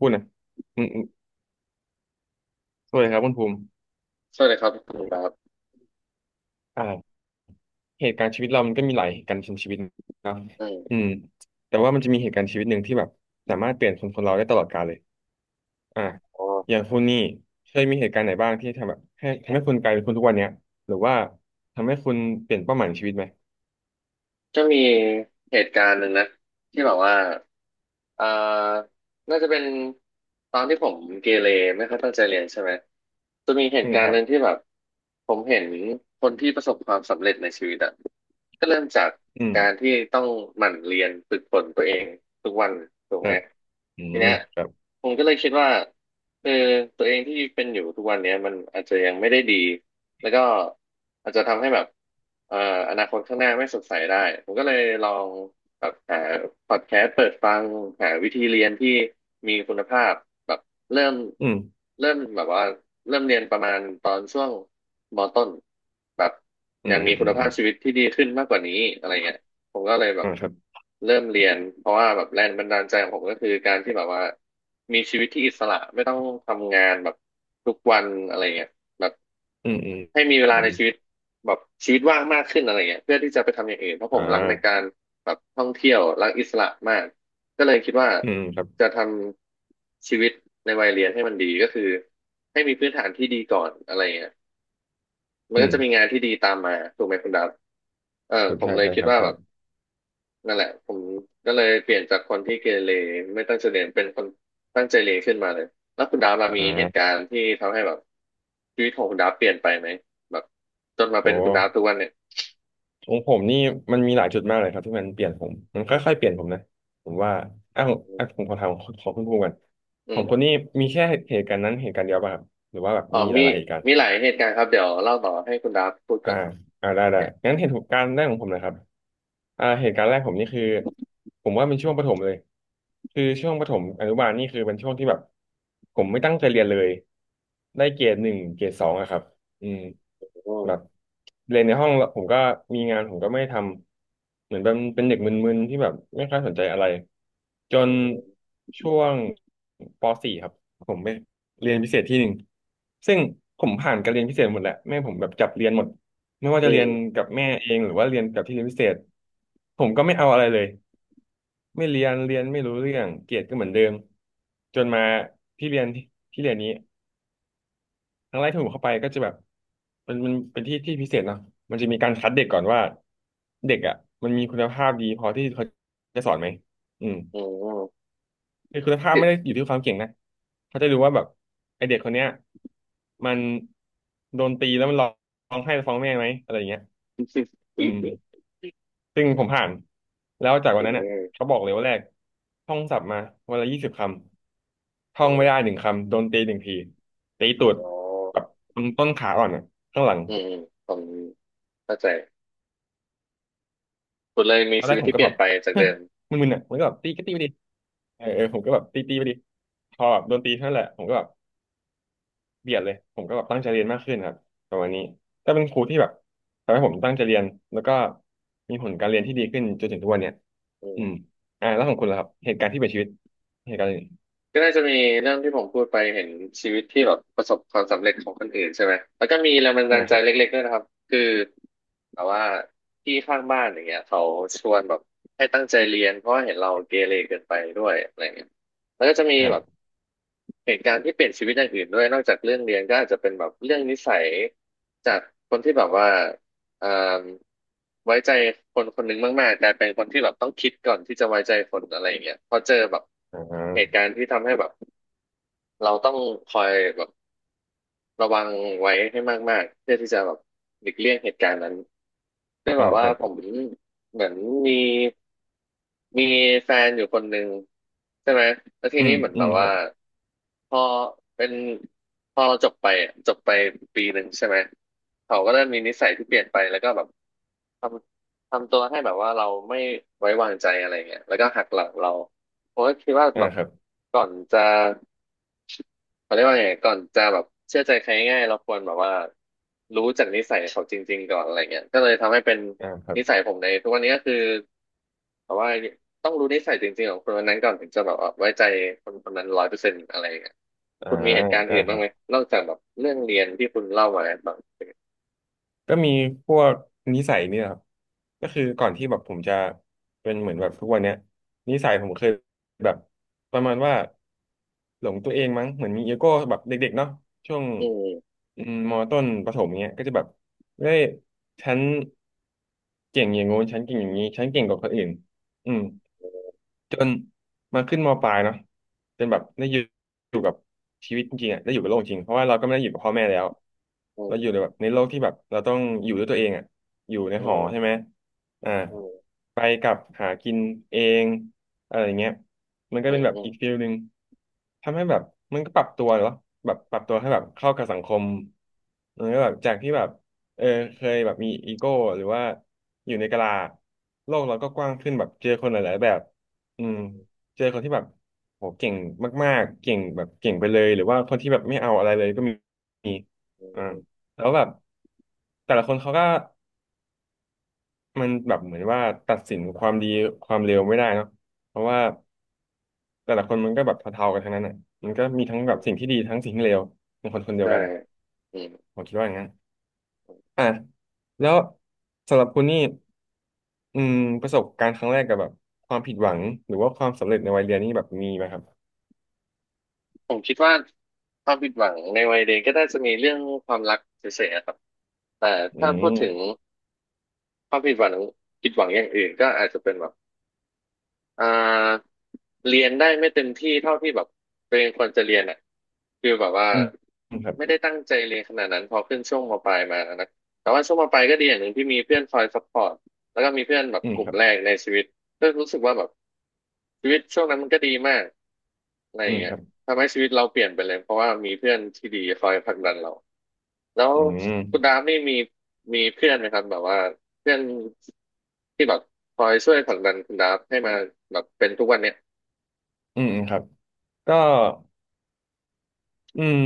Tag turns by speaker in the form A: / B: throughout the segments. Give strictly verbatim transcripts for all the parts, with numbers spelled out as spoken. A: พูดนะอืมอืมสวัสดีครับคุณภูมิ
B: สวัสดีครับคุณครับ
A: อ่าเหตุการณ์ชีวิตเรามันก็มีหลายเหตุการณ์นชีวิตนะ
B: อื
A: อื
B: ม
A: มแต่ว่ามันจะมีเหตุการณ์ชีวิตหนึ่งที่แบบสามารถเปลี่ยนคนคนเราได้ตลอดกาลเลยอ่า
B: อ๋อ
A: อย่างคุณนี่เคยมีเหตุการณ์ไหนบ้างที่ทำแบบให้ทำให้คุณกลายเป็นคนทุกวันเนี้ยหรือว่าทำให้คุณเปลี่ยนเป้าหมายในชีวิตไหม
B: จะมีเหตุการณ์หนึ่งนะที่แบบว่าอ่า น่าจะเป็นตอนที่ผมเกเรไม่ค่อยตั้งใจเรียนใช่ไหมจะมีเห
A: อื
B: ตุ
A: ม
B: กา
A: ค
B: ร
A: รั
B: ณ์ห
A: บ
B: นึ่งที่แบบผมเห็นคนที่ประสบความสำเร็จในชีวิตอะก็เริ่มจาก
A: อืม
B: การที่ต้องหมั่นเรียนฝึกฝนตัวเองทุกวันถู
A: ค
B: ก
A: รั
B: ไหม
A: บอื
B: ที
A: ม
B: เนี้ย
A: ครับ
B: ผมก็เลยคิดว่าเออตัวเองที่เป็นอยู่ทุกวันเนี้ยมันอาจจะยังไม่ได้ดี แล้วก็อาจจะทำให้แบบเอ่ออนาคตข้างหน้าไม่สดใสได้ผมก็เลยลองแบบหาพอดแคสต์เปิดฟังหาวิธีเรียนที่มีคุณภาพแบบเริ่ม
A: อืม
B: เริ่มแบบว่าเริ่มเรียนประมาณตอนช่วงมต้นแบบ
A: อื
B: ยั
A: ม
B: ง
A: อื
B: มี
A: มอื
B: คุณ
A: มอื
B: ภาพ
A: ม
B: ชีวิตที่ดีขึ้นมากกว่านี้อะไรเงี้ยผมก็เลยแบ
A: อ่า
B: บ
A: ครับ
B: เริ่มเรียนเพราะว่าแบบแรงบันดาลใจของผมก็คือการที่แบบว่ามีชีวิตที่อิสระไม่ต้องทำงานแบบทุกวันอะไรเงี้ย แบบ
A: อืมอืม
B: ให้มีเว
A: อื
B: ลา
A: อม
B: ในชีวิตแบบชีวิตว่างมากขึ้นอะไรเงี้ยเพื่อที่จะไปทำอย่างอื่นเพราะผ
A: อ่า
B: มรักในการแบบท่องเที่ยวรักอิสระมากก็เลยคิดว่า
A: อืมครับ
B: จะทำชีวิตในวัยเรียนให้มันดีก็คือให้มีพื้นฐานที่ดีก่อนอะไรเงี้ยมั
A: อื
B: นก็จะมี
A: ม
B: งานที่ดีตามมาถูกไหมคุณดับเอ
A: ค
B: อ
A: รับ
B: ผม
A: ใช่
B: เลย
A: ใช่
B: คิ
A: ค
B: ด
A: รับ
B: ว่า
A: ใช่
B: แบบ นั่นแหละผมก็เลยเปลี่ยนจากคนที่เกเรไม่ตั้งใจเรียนเป็นคนตั้งใจเรียนขึ้นมาเลยแล้วคุณดาบล่ะมี
A: อ่
B: เหตุกา
A: า
B: รณ์ที่ทำให้แบบชีวิตของคุณดาบเปลี่ยนไปไหมแบบจนมา
A: โอ
B: เป็นคุณดาบ
A: ้
B: ทุกวันเนี่ย
A: ของผมนี่มันมีหลายจุดมากเลยครับที่มันเปลี่ยนผมมัน
B: อื
A: ค่อยๆ
B: ม
A: เปลี่ยนผมนะผมว่าอ้าวอง
B: อื
A: อ่ะผ
B: ม
A: มขอถามของของคุณภูมิกัน
B: อื
A: ของคนนี้
B: ม
A: มีแค่เหตุการณ์นั้นเหตุการณ์เดียวป่ะครับหรือว่าแบบ
B: อ๋อ
A: มีห
B: มี
A: ลายๆเหตุการณ์
B: มีหลายเหตุการณ์ครับเดี๋ยวเล่าต่อให้คุณดาบพูดก่
A: อ่า
B: อน
A: อ่าได้ได้
B: น
A: งั้นเหตุการณ์แรกของผมนะครับอ่าเหตุการณ์แรกผมนี่คือผมว่าเป็นช่วงประถมเลยคือช่วงประถมอนุบาลนี่คือเป็นช่วงที่แบบผมไม่ตั้งใจเรียนเลยได้เกรดหนึ่งเกรดสองอะครับอืม
B: อืม
A: แบบเรียนในห้องแล้วผมก็มีงานผมก็ไม่ได้ทำเหมือนเป็นเป็นเด็กมึนๆที่แบบไม่ค่อยสนใจอะไรจน
B: อืม
A: ช่วงปสี่ครับผมไปเรียนพิเศษที่หนึ่งซึ่งผมผ่านการเรียนพิเศษหมดแหละแม่ผมแบบจับเรียนหมด ไม่ว่าจะ
B: อื
A: เรียน
B: ม
A: กับแม่เองหรือว่าเรียนกับที่เรียนพิเศษผมก็ไม่เอาอะไรเลยไม่เรียนเรียนไม่รู้เรื่องเกรดก็เหมือนเดิมจนมาที่เรียนที่ที่เรียนนี้ครั้งแรกที่ผมเข้าไปก็จะแบบเป็นมันเป็นที่ที่พิเศษเนาะมันจะมีการคัดเด็กก่อนว่าเด็กอ่ะมันมีคุณภาพดีพอที่เขาจะสอนไหมอืม
B: อืมอืม
A: คือคุณภาพไม่ได้อยู่ที่ความเก่งนะเขาจะดูว่าแบบไอเด็กคนเนี้ยมันโดนตีแล้วมันร้องไห้ฟ้องแม่ไหมอะไรอย่างเงี้ยอื
B: อืม
A: ม
B: อ
A: ซึ่งผมผ่านแล้วจากวัน
B: ื
A: นั้นเนี่ย
B: ม
A: เขาบอกเลยว่าแรกท่องศัพท์มาวันละยี่สิบคำท่
B: อื
A: องไม่
B: ม
A: ได้หนึ่งคำโดนตีหนึ่งทีตีตูด
B: อ๋อ
A: แบบตรงต้นขาอ่อนอ่ะข้างหลัง
B: อืมอืมผมเข้าใจคุณเลยมี
A: ตอนแร
B: ชี
A: ก
B: วิต
A: ผม
B: ที่
A: ก็
B: เป
A: แบ
B: ลี่ย
A: บ
B: นไปจากเดิม
A: มึนๆอ่ะมันก็แบบตีก็ตีไปดิเออเออผมก็แบบตีตีไปดิพอแบบโดนตีเท่านั้นแหละผมก็แบบเบียดเลยผมก็แบบตั้งใจเรียนมากขึ้นครับประมาณนี้ก็เป็นครูที่แบบทำให้ผมตั้งใจเรียนแล้วก็มีผลการเรียนที่ดีขึ้นจนถึงทุกวันเนี่ย
B: อื
A: อืม
B: ม
A: อ่าแล้วของคุณล่ะครับเหตุการณ์ที่เปลี่ยนชีวิตเหตุการณ์อะไร
B: ก็น่าจะมีเรื่องที่ผมพูดไปเห็นชีวิตที่แบบประสบความสำเร็จของคนอื่นใช่ไหมแล้วก็มีแรงบัน
A: อ่า
B: ดาล
A: ค
B: ใจ
A: รับ
B: เล็กๆด้วยนะครับคือแบบว่าพี่ข้างบ้านอย่างเงี้ยเขาชวนแบบให้ตั้งใจเรียนเพราะว่าเห็นเราเกเรเกินไปด้วยอะไรเงี้ยแล้วก็จะมี
A: ครับ
B: แบบเหตุการณ์ที่เปลี่ยนชีวิตอย่างอื่นด้วยนอกจากเรื่องเรียนก็อาจจะเป็นแบบเรื่องนิสัยจากคนที่แบบว่าเอ่มไว้ใจคนคนหนึงมากๆกลายเป็นคนที่แบบต้องคิดก่อนที่จะไว้ใจคนอะไรอย่างเงี้ยพอเจอแบบ
A: อ
B: เหตุ
A: ่า
B: การณ์ที่ทำให้แบบ เราต้องคอยแบบระวังไว้ให้มากๆเพื่อที่จะแบบหลีกเลี่ยงเหตุการณ์นั้นด้วย
A: อ่า
B: แบบ
A: ค
B: ว่า
A: รับ
B: ผมเหมือนมีมีแฟนอยู่คนหนึ่งใช่ไหมแล้วที
A: อืม
B: นี้เหมือน
A: อื
B: แบ
A: ม
B: บ
A: ครั
B: ว่า
A: บ
B: พอเป็นพอเราจบไปอะจบไปปีหนึ่งใช่ไหมเขาก็เริ่มมีนิสัยที่เปลี่ยนไปแล้วก็แบบทำทำตัวให้แบบว่าเราไม่ไว้วางใจอะไรเงี้ยแล้วก็หักหลังเรา ผมก็คิดว่า
A: อ่า
B: แบบ
A: ครับ
B: ก่อนจะเขาเรียกว่าไงก่อนจะแบบเชื่อใจใครง่ายๆเราควรแบบว่ารู้จากนิสัยเขาจริงๆก่อนอะไรเงี้ยก็เลยทำให้เป็น
A: อ่าครับ
B: นิสัยผมในทุกวันนี้ก็คือแบบว่าต้องรู้นิสัยจริงๆของคนคนนั้นก่อนถึงจะแบบว่าไว้ใจคนคนนั้นร้อยเปอร์เซ็นต์อะไรเงี้ย
A: อ่า
B: คุณมีเหตุการณ์
A: อ่า
B: อื่น
A: ค
B: บ้า
A: รั
B: ง
A: บ
B: ไหมนอกจากแบบเรื่องเรียนที่คุณเล่ามาบ้าง
A: ก็มีพวกนิสัยเนี่ยครับก็คือก่อนที่แบบผมจะเป็นเหมือนแบบทุกวันเนี้ยนิสัยผมเคยแบบประมาณว่าหลงตัวเองมั้งเหมือนมีอีโก้แบบเด็กๆเนาะช่วง
B: อืม
A: อืมมต้นประถมเนี้ยก็จะแบบเฮ้ยฉันเก่งอย่างงู้นฉันเก่งอย่างนี้ฉันเก่งกว่าคนอื่นอืม จนมาขึ้นมปลายเนาะจนแบบได้อยู่อยู่กับชีวิตจริงๆอะได้อยู่กับโลกจริงเพราะว่าเราก็ไม่ได้อยู่กับพ่อแม่แล้ว
B: อื
A: เราอยู่
B: ม
A: ในแบบในโลกที่แบบเราต้องอยู่ด้วยตัวเองอ่ะอยู่ใน
B: อื
A: หอ
B: ม
A: ใช่ไหมอ่า
B: อืม
A: ไปกลับหากินเองอะไรอย่างเงี้ยมันก็
B: อื
A: เป็น
B: ม
A: แบบ
B: อื
A: อี
B: ม
A: กฟิลหนึ่งทำให้แบบมันก็ปรับตัวเหรอแบบปรับตัวให้แบบเข้ากับสังคมมันก็แบบจากที่แบบเออเคยแบบมีอีโก้หรือว่าอยู่ในกะลาโลกเราก็กว้างขึ้นแบบเจอคนหลายๆแบบ อืมเจอคนที่แบบโหเก่งมากๆเก่งแบบเก่งไปเลยหรือว่าคนที่แบบไม่เอาอะไรเลยก็มีมี
B: อื
A: อ่า
B: ม
A: แล้วแบบแต่ละคนเขาก็มันแบบเหมือนว่าตัดสินความดีความเลวไม่ได้เนาะเพราะว่าแต่ละคนมันก็แบบเท่าๆกันทั้งนั้นอ่ะมันก็มีทั้งแบ
B: อื
A: บสิ่ง
B: ม
A: ที่ดีทั้งสิ่งที่เลวในคนคนเดียว
B: ใช่
A: กันผมคิดว่าอย่างนั้นอ่ะแล้วสำหรับคุณนี่อืมประสบการณ์ครั้งแรกกับแบบความผิดหวังหรือว่าความสำเร็จในวัยเรียนนี่แบบมีไหมครับ
B: ผมคิดว่าความผิดหวังในวัยเด็กก็น่าจะมีเรื่องความรักเฉยๆอะครับแต่
A: อื
B: ถ้าพูดถึง
A: ม
B: ความผิดหวังผิดหวังอย่างอื่นก็อาจจะเป็นแบบ อ่าเรียนได้ไม่เต็มที่เท่าที่แบบตัวเองควรจะเรียนอ่ะคือแบบว่า
A: อืมครับ
B: ไม่ได้ตั้งใจเรียนขนาดนั้นพอขึ้นช่วงมปลายมานะแต่ว่าช่วงมปลายก็ดีอย่างหนึ่งที่มีเพื่อนคอยซัพพอร์ตแล้วก็มีเพื่อนแบบ
A: อืม
B: ก
A: ค
B: ลุ่ม
A: รับ
B: แรกในชีวิตก็รู้สึกว่าแบบชีวิตช่วงนั้นมันก็ดีมากอะไร
A: อื
B: อย่า
A: ม
B: ง
A: ค
B: เงี้ย
A: รับ
B: ทำให้ชีวิตเราเปลี่ยนไปเลยเพราะว่ามีเพื่อนที่ดีคอยผลักดันเราแล้ว
A: อืม
B: คุณดามนี่มีมีเพื่อนไหมครับแบบว่าเพื่อนที่แบบ คอยช่วยผลักดันคุณดาฟให้มาแบบเป็นทุกวันเนี้ย
A: อืมอืมครับ ก็อืม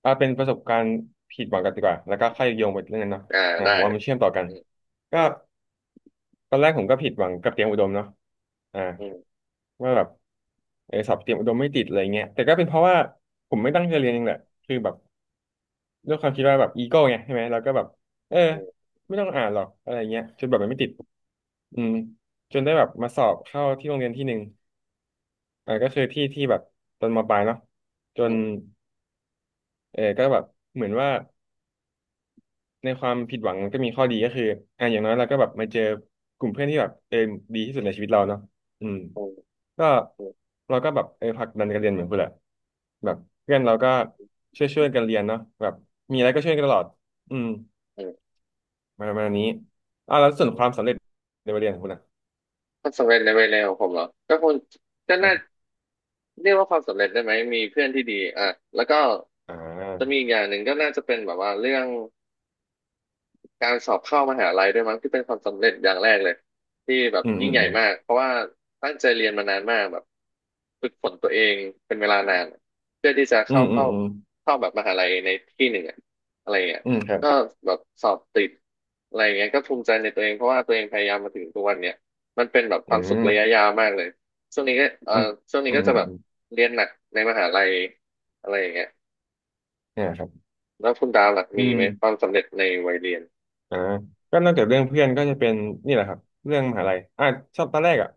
A: เอาเป็นประสบการณ์ผิดหวังกันดีกว่า แล้วก็ค่อยโยงไปเรื่องนั้นเนาะ
B: อ่า
A: อ่า
B: ได้
A: ผมว่ามันเชื่อมต่อกัน
B: อืม
A: ก็ตอนแรกผมก็ผิดหวังกับเตรียมอุดมเนาะอ่า
B: อืม
A: ว่าแบบเออสอบเตรียมอุดมไม่ติดอะไรเงี้ยแต่ก็เป็นเพราะว่าผมไม่ตั้งใจเรียนเองแหละคือแบบด้วยความคิดว่าแบบอีโก้ไงใช่ไหมเราก็แบบเออ
B: อืม
A: ไม่ต้องอ่านหรอกอะไรเงี้ยจนแบบมันไม่ติดอืมจนได้แบบมาสอบเข้าที่โรงเรียนที่หนึ่ง อ่าก็คือที่ที่แบบตอนมปลายเนาะจ
B: อื
A: น
B: ม
A: เออก็แบบเหมือนว่าในความผิดหวังก็มีข้อดีก็คืออ่าอย่างน้อยเราก็แบบมาเจอกลุ่มเพื่อนที่แบบเออดีที่สุดในชีวิตเราเนาะอืม
B: อืม
A: ก็
B: อืม
A: เราก็แบบเออผลักดันกันเรียนเหมือนเพื่อนแหละแบบเพื่อนเราก็ช่วยช่วยกันเรียนเนาะแบบมีอะไรก็ช่วยกันตลอดอืม
B: อืม
A: มาประมาณนี้อ่าแล้วส่วน
B: อื
A: ความ
B: ม
A: สำเร็จในวัยเรียนของคุณนะ
B: ความสำเร็จในวัยเร็วของผมเหรอก็คงก็น่าเรียกว่าความสำเร็จได้ไหมมีเพื่อนที่ดีอ่ะแล้วก็
A: อ่
B: จะมี
A: า
B: อีกอย่างหนึ่งก็น่าจะเป็นแบบว่าเรื่อง การสอบเข้ามหาลัยด้วยมั้งที่เป็นความสำเร็จอย่างแรกเลยที่แบบ
A: อืมอื
B: ยิ่ง
A: ม
B: ให
A: อ
B: ญ่มากเพราะว่าตั้งใจเรียนมานานมากแบบฝึกฝนตัวเองเป็นเวลานานเพื่อที่จะ
A: ื
B: เข้า
A: มอืม
B: เข้า
A: อืมอืม
B: เข้าแบบมหาลัยในที่หนึ่งอะอะไรเงี้ย
A: อืมครับ
B: ก็แบบสอบติดอะไรเงี้ยก็ภูมิใจในตัวเองเพราะว่าตัวเองพยายามมาถึงทุกวันเนี้ยมันเป็นแบบค
A: อื
B: วามสุขระยะ
A: ม
B: ยาวมากเลยช่วงนี้ก็เอ่อ
A: อืม
B: ช่วงนี้
A: อืม
B: ก็
A: อื
B: จะ
A: ม
B: แบบ
A: อืม
B: เรียนหนักในมหาลัยอะไรอย่างเงี้ย
A: เนี่ยครับ
B: แล้วคุณดาวหลัก
A: อื
B: มี
A: ม
B: ไหมความสำเร็จในวัยเรียน
A: อ่าก็นอกจากเรื่องเพื่อนก็จะเป็นนี่แหละครับเรื่องมหาลัยอ่าชอบตอนแรกอ่ะ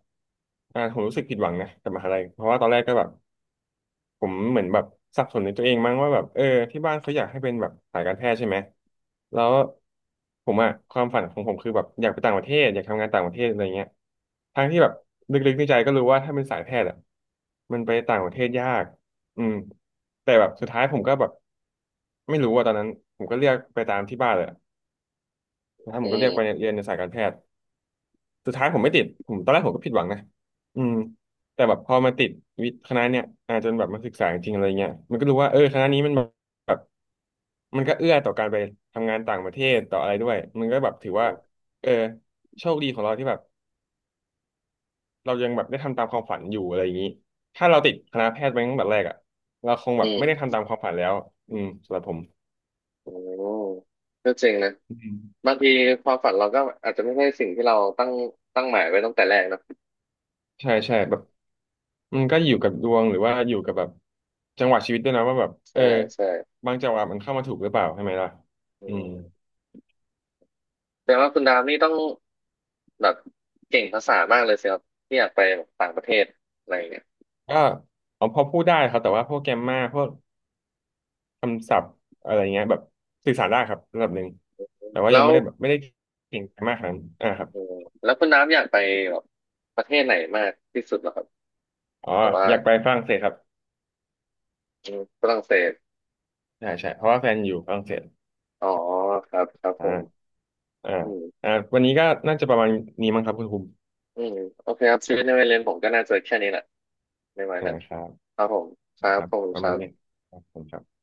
A: อ่าผมรู้สึกผิดหวังนะกับมหาลัยเพราะว่าตอนแรกก็แบบผมเหมือนแบบสับสนในตัวเองมั้งว่าแบบเออที่บ้านเขาอยากให้เป็นแบบสายการแพทย์ใช่ไหมแล้วผมอ่ะความฝันของผมคือแบบอยากไปต่างประเทศอยากทำงานต่างประเทศอะไรเงี้ยทั้งที่แบบลึกๆในใจก็รู้ว่าถ้าเป็นสายแพทย์อ่ะมันไปต่างประเทศยากอืมแต่แบบสุดท้ายผมก็แบบไม่รู้ว่าตอนนั้นผมก็เรียกไปตามที่บ้านเลย นะครับผ
B: อื
A: มก็เรียกไป
B: ม
A: เรียนในสายการแพทย์สุดท้ายผมไม่ติดผมตอนแรกผมก็ผิดหวังนะอืมแต่แบบพอมาติดวิทย์คณะเนี่ยอาจนแบบมาศึกษาจริงอะไรเงี้ยมันก็รู้ว่าเออคณะนี้มันแบบมันก็เอื้อต่อการไปทำงานต่างประเทศต่ออะไรด้วยมันก็แบบถือว่าเออโชคดีของเราที่แบบเรายังแบบได้ทำตามความฝันอยู่อะไรอย่างนี้ถ้าเราติดคณะแพทย์ไปตั้งแต่แรกอ่ะเราคงแบ
B: อื
A: บไม่ได้
B: ม
A: ทำตามความฝันแล้วอืมสำหรับผม
B: โอ้ก็เจ๋งนะบางทีความฝันเราก็อาจจะไม่ใช่สิ่งที่เราตั้งตั้งหมายไว้ตั้งแต่แรกเนอะ
A: ใช่ใช่แบบมันก็อยู่กับดวงหรือว่าอยู่กับแบบจังหวะชีวิตด้วยนะว่าแบบเออ
B: ใช่ใช่
A: บางจังหวะมันเข้ามาถูกหรือเปล่าใช่ไหมล่ะ
B: อื
A: อืม
B: มแต่ว่าคุณดามนี่ต้องแบบเก่งภาษามากเลยสิครับที่อยากไปแบบต่างประเทศอะไรอย่างเงี้ย
A: ก็เอาพอพูดได้ครับแต่ว่าพวกแกมมาพวกคำศัพท์อะไรเงี้ยแบบสื่อสารได้ครับระดับหนึ่งแต่ว่ายัง
B: แล้ว
A: ไม่ได้แบบไม่ได้เก่งมากขนาดนั้นอ่าครับ
B: อืมแล้วคุณดามอยากไปแบบประเทศไหนมากที่สุดเหรอครับ
A: อ๋อ
B: แต่ว่า
A: อยากไปฝรั่งเศสครับ
B: อืมฝรั่งเศส
A: ใช่ใช่เพราะว่าแฟนอยู่ฝรั่งเศส
B: อ๋อครับครับ
A: อ่า
B: ผม
A: อ่า
B: อืม
A: อ่าวันนี้ก็น่าจะประมาณนี้มั้งครับคุณภูมิ
B: อืมโอเคครับชีวิตในวัยเรียนผมก็น่าจะแค่นี้แหละในวัย
A: อ่า
B: นั้น
A: ครับ
B: ครับผมครั
A: ค
B: บ
A: รับ
B: ผม
A: ประ
B: ค
A: มา
B: รั
A: ณ
B: บ
A: นี้ครับขอบคุณครับ